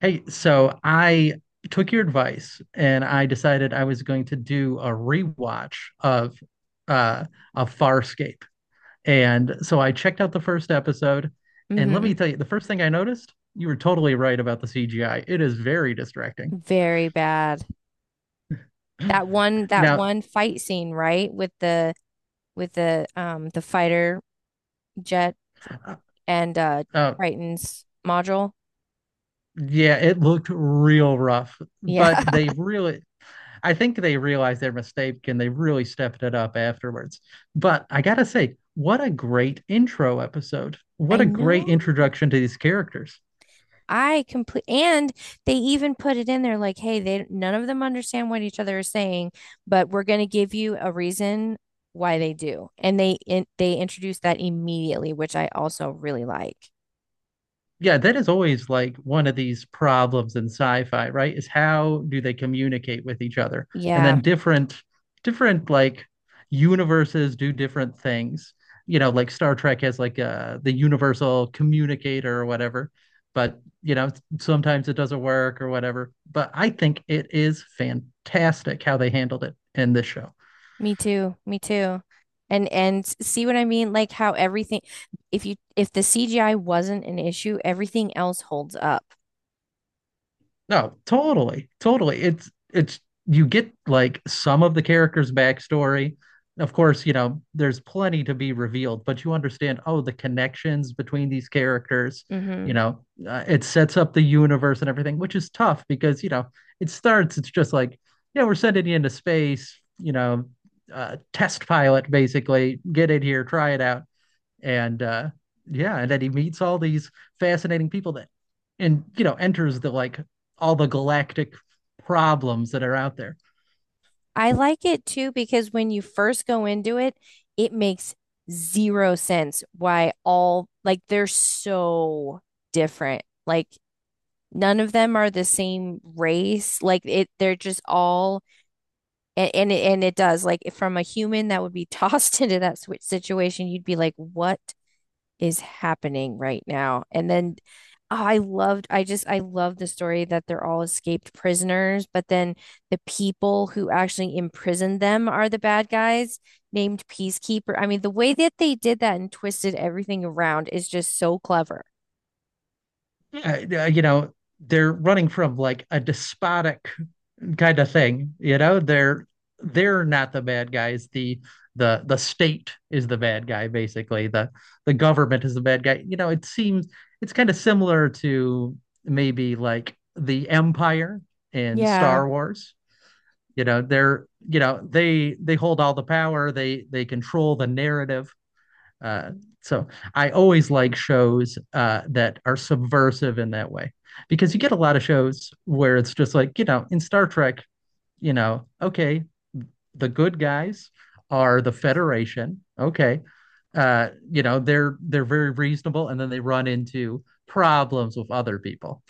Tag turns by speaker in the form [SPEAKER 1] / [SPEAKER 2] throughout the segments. [SPEAKER 1] Hey, so I took your advice and I decided I was going to do a rewatch uh of Farscape. And so I checked out the first episode, and let me
[SPEAKER 2] Hmm.
[SPEAKER 1] tell you, the first thing I noticed, you were totally right about the CGI. It is very distracting.
[SPEAKER 2] Very bad. That one that
[SPEAKER 1] Now,
[SPEAKER 2] one fight scene, right? With the the fighter jet for,
[SPEAKER 1] uh,
[SPEAKER 2] and
[SPEAKER 1] uh,
[SPEAKER 2] Triton's module.
[SPEAKER 1] yeah, it looked real rough, but
[SPEAKER 2] Yeah.
[SPEAKER 1] they really I think they realized their mistake and they really stepped it up afterwards. But I gotta say, what a great intro episode. What
[SPEAKER 2] I
[SPEAKER 1] a
[SPEAKER 2] know.
[SPEAKER 1] great introduction to these characters.
[SPEAKER 2] I complete and they even put it in there like, hey, they none of them understand what each other is saying, but we're gonna give you a reason why they do. And they introduced that immediately, which I also really like.
[SPEAKER 1] Yeah, that is always like one of these problems in sci-fi, right? Is how do they communicate with each other? And
[SPEAKER 2] Yeah.
[SPEAKER 1] then different universes do different things. You know, like Star Trek has like the universal communicator or whatever, but you know, sometimes it doesn't work or whatever. But I think it is fantastic how they handled it in this show.
[SPEAKER 2] Me too. Me too. And see what I mean? Like how everything, if you if the CGI wasn't an issue, everything else holds up.
[SPEAKER 1] No, totally, totally. It's you get like some of the character's backstory. Of course, you know, there's plenty to be revealed, but you understand, oh, the connections between these characters, you
[SPEAKER 2] Hmm.
[SPEAKER 1] know, it sets up the universe and everything, which is tough because, you know, it's just like, yeah, we're sending you into space, you know, test pilot basically, get in here, try it out and yeah and then he meets all these fascinating people that and you know enters the like all the galactic problems that are out there.
[SPEAKER 2] I like it too because when you first go into it, it makes zero sense why, all like, they're so different. Like none of them are the same race. Like it they're just all, and it does, like, if from a human that would be tossed into that situation, you'd be like, "What is happening right now?" And then, oh, I loved, I love the story that they're all escaped prisoners, but then the people who actually imprisoned them are the bad guys named Peacekeeper. I mean, the way that they did that and twisted everything around is just so clever.
[SPEAKER 1] Yeah, you know, they're running from like a despotic kind of thing. You know, they're not the bad guys. The the state is the bad guy, basically. The government is the bad guy. You know, it seems it's kind of similar to maybe like the Empire in
[SPEAKER 2] Yeah.
[SPEAKER 1] Star Wars. You know, they hold all the power. They control the narrative. Uh, so I always like shows that are subversive in that way because you get a lot of shows where it's just like, you know, in Star Trek, you know, okay, the good guys are the Federation. Okay. You know, they're very reasonable and then they run into problems with other people.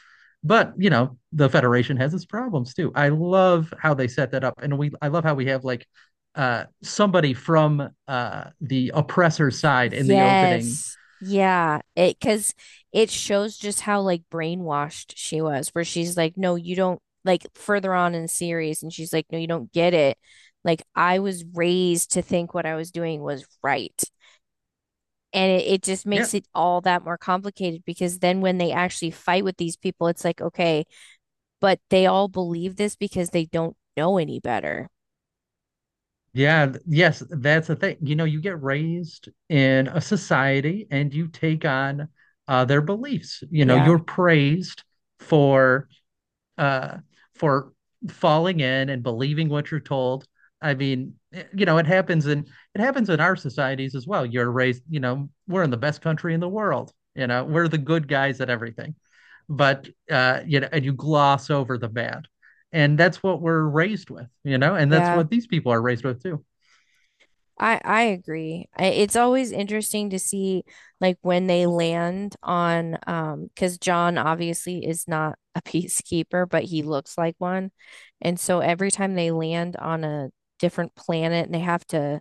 [SPEAKER 1] But, you know, the Federation has its problems too. I love how they set that up and we I love how we have like somebody from the oppressor side in the opening.
[SPEAKER 2] Yes. Yeah. It, because it shows just how, like, brainwashed she was, where she's like, no, you don't, like further on in the series, and she's like, no, you don't get it. Like, I was raised to think what I was doing was right. And it just
[SPEAKER 1] Yeah,
[SPEAKER 2] makes it all that more complicated, because then when they actually fight with these people, it's like, okay, but they all believe this because they don't know any better.
[SPEAKER 1] Yes, that's the thing. You know, you get raised in a society and you take on their beliefs. You know,
[SPEAKER 2] Yeah.
[SPEAKER 1] you're praised for uh, for falling in and believing what you're told. I mean, you know, it happens in our societies as well. You're raised, you know, we're in the best country in the world. You know, we're the good guys at everything, but you know, and you gloss over the bad, and that's what we're raised with. You know, and that's
[SPEAKER 2] Yeah.
[SPEAKER 1] what these people are raised with too.
[SPEAKER 2] I agree. I- It's always interesting to see, like, when they land on, because John obviously is not a peacekeeper, but he looks like one. And so every time they land on a different planet and they have to,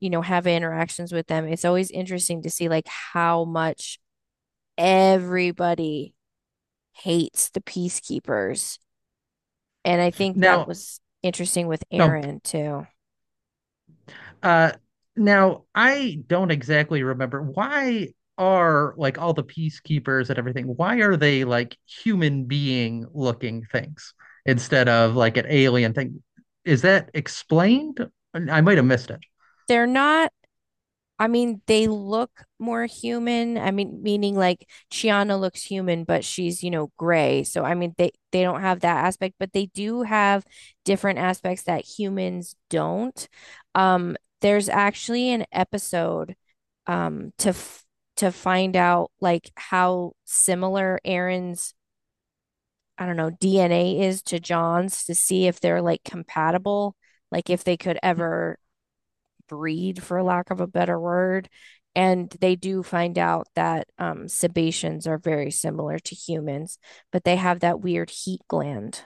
[SPEAKER 2] you know, have interactions with them, it's always interesting to see, like, how much everybody hates the peacekeepers. And I think that
[SPEAKER 1] Now,
[SPEAKER 2] was interesting with
[SPEAKER 1] no,
[SPEAKER 2] Aaron too.
[SPEAKER 1] uh, Now I don't exactly remember why are like all the peacekeepers and everything, why are they like human being looking things instead of like an alien thing? Is that explained? I might have missed it.
[SPEAKER 2] They're not I mean, they look more human. I mean, meaning like Chiana looks human, but she's, you know, gray. So I mean, they don't have that aspect, but they do have different aspects that humans don't. There's actually an episode, um to f to find out like how similar Aaron's, I don't know, DNA is to John's, to see if they're like compatible, like if they could ever breed, for lack of a better word. And they do find out that, Sebaceans are very similar to humans, but they have that weird heat gland.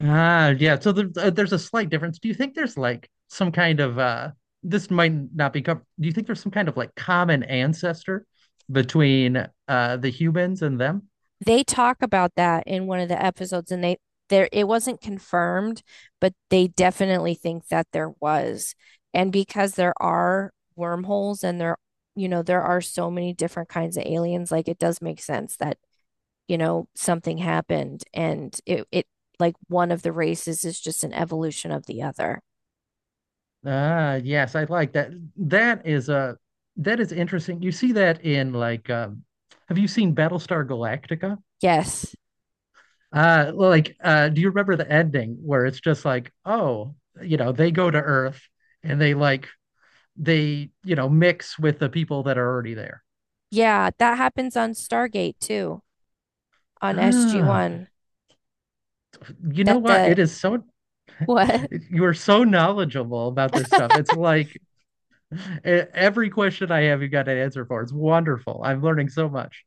[SPEAKER 1] Ah, yeah. So there's a slight difference. Do you think there's like some kind of this might not be com- do you think there's some kind of like common ancestor between the humans and them?
[SPEAKER 2] They talk about that in one of the episodes, and they there, it wasn't confirmed, but they definitely think that there was. And because there are wormholes and there, you know, there are so many different kinds of aliens, like, it does make sense that, you know, something happened and it, like, one of the races is just an evolution of the other.
[SPEAKER 1] Ah, yes, I like that. That is uh that is interesting. You see that in like have you seen Battlestar Galactica?
[SPEAKER 2] Yes.
[SPEAKER 1] Do you remember the ending where it's just like, oh, you know, they go to Earth and they, you know, mix with the people that are already there.
[SPEAKER 2] Yeah, that happens on Stargate too, on
[SPEAKER 1] Ah,
[SPEAKER 2] SG-1.
[SPEAKER 1] you know
[SPEAKER 2] That
[SPEAKER 1] what?
[SPEAKER 2] the
[SPEAKER 1] It is so,
[SPEAKER 2] What?
[SPEAKER 1] you are so knowledgeable about this stuff. It's like every question I have, you got an answer for. It's wonderful. I'm learning so much.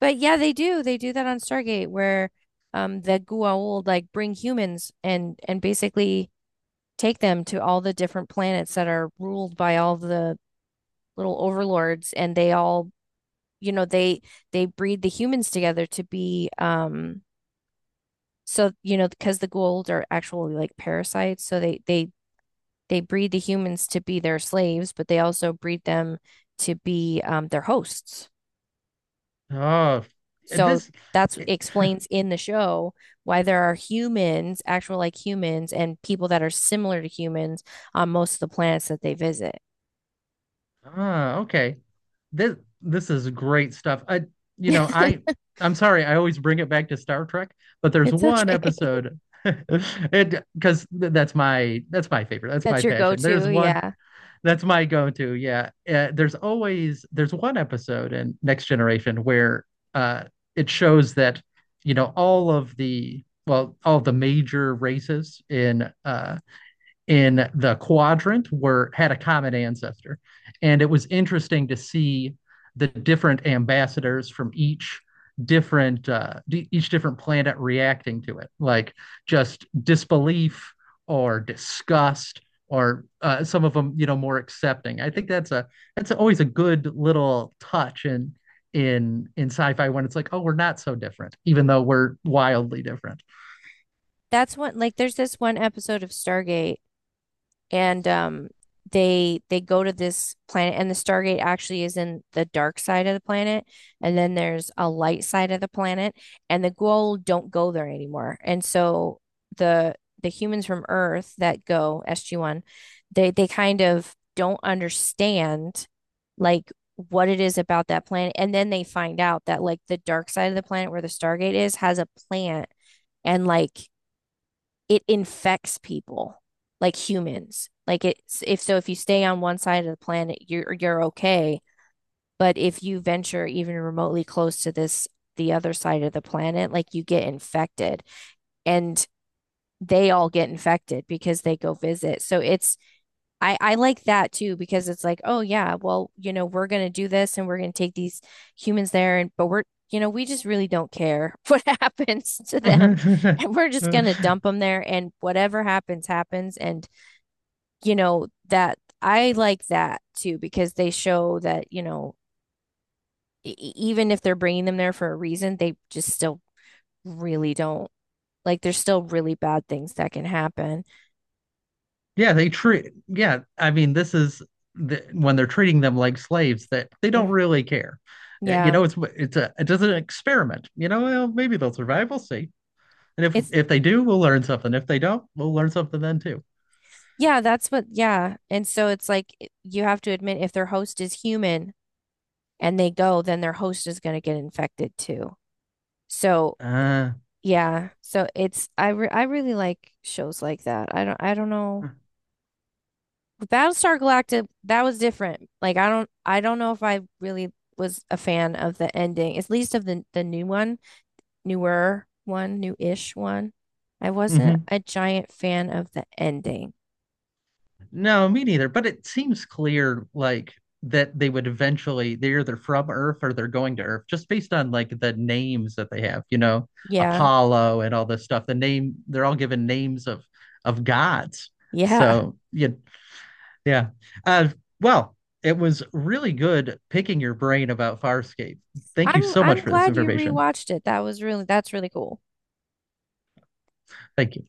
[SPEAKER 2] But yeah, they do. They do that on Stargate where, the Goa'uld, like, bring humans and basically take them to all the different planets that are ruled by all the little overlords, and they all, you know, they breed the humans together to be, so, you know, because the Goa'uld are actually like parasites, so they they breed the humans to be their slaves, but they also breed them to be, their hosts.
[SPEAKER 1] Oh,
[SPEAKER 2] So
[SPEAKER 1] this,
[SPEAKER 2] that's
[SPEAKER 1] it,
[SPEAKER 2] explains in the show why there are humans, actual like humans, and people that are similar to humans on most of the planets that they visit.
[SPEAKER 1] ah, okay. This, this is great stuff. You know, I, I'm sorry, I always bring it back to Star Trek, but there's
[SPEAKER 2] It's
[SPEAKER 1] one
[SPEAKER 2] okay.
[SPEAKER 1] episode. It because that's my favorite. That's
[SPEAKER 2] That's
[SPEAKER 1] my
[SPEAKER 2] your
[SPEAKER 1] passion. There's
[SPEAKER 2] go-to.
[SPEAKER 1] one
[SPEAKER 2] Yeah.
[SPEAKER 1] That's my go-to. Yeah. There's one episode in Next Generation where uh it shows that, you know, all the major races in the quadrant were had a common ancestor and it was interesting to see the different ambassadors from each different each different planet reacting to it like just disbelief or disgust or some of them, you know, more accepting. I think that's always a good little touch in in sci-fi when it's like, oh, we're not so different even though we're wildly different.
[SPEAKER 2] That's one, like, there's this one episode of Stargate. And they go to this planet, and the Stargate actually is in the dark side of the planet, and then there's a light side of the planet, and the Goa'uld don't go there anymore. And so the the humans from Earth that go SG-1, they kind of don't understand like what it is about that planet. And then they find out that like the dark side of the planet where the Stargate is has a plant, and, like, it infects people, like humans. Like, it's, if, so if you stay on one side of the planet, you're okay. But if you venture even remotely close to this the other side of the planet, like, you get infected. And they all get infected because they go visit. So it's, I like that too because it's like, oh yeah, well, you know, we're going to do this and we're going to take these humans there, and but we're, you know, we just really don't care what happens to them, and we're just going to dump them there and whatever happens happens. And you know, that I like that too because they show that, you know, even if they're bringing them there for a reason, they just still really don't, like, there's still really bad things that can happen.
[SPEAKER 1] Yeah, I mean, this is when they're treating them like slaves that they don't
[SPEAKER 2] Mhm.
[SPEAKER 1] really care. You
[SPEAKER 2] Yeah.
[SPEAKER 1] know, it's just an experiment. You know, well, maybe they'll survive. We'll see. And
[SPEAKER 2] It's,
[SPEAKER 1] if they do, we'll learn something. If they don't, we'll learn something then too.
[SPEAKER 2] yeah, that's what, yeah. And so it's, like, it, you have to admit, if their host is human and they go, then their host is going to get infected too. So,
[SPEAKER 1] Uh,
[SPEAKER 2] yeah. So it's, I really like shows like that. I don't know. With Battlestar Galactica, that was different. Like, I don't know if I really was a fan of the ending, at least of the new one, newer one, new-ish one. I wasn't
[SPEAKER 1] mhm.
[SPEAKER 2] a giant fan of the ending.
[SPEAKER 1] No, me neither. But it seems clear, like that they would eventually they're either from Earth or they're going to Earth, just based on like the names that they have. You know,
[SPEAKER 2] Yeah.
[SPEAKER 1] Apollo and all this stuff. They're all given names of gods.
[SPEAKER 2] Yeah.
[SPEAKER 1] So yeah, yeah. Uh, well, it was really good picking your brain about Farscape. Thank you so
[SPEAKER 2] I'm
[SPEAKER 1] much for this
[SPEAKER 2] glad you
[SPEAKER 1] information.
[SPEAKER 2] rewatched it. That was really, that's really cool.
[SPEAKER 1] Thank you.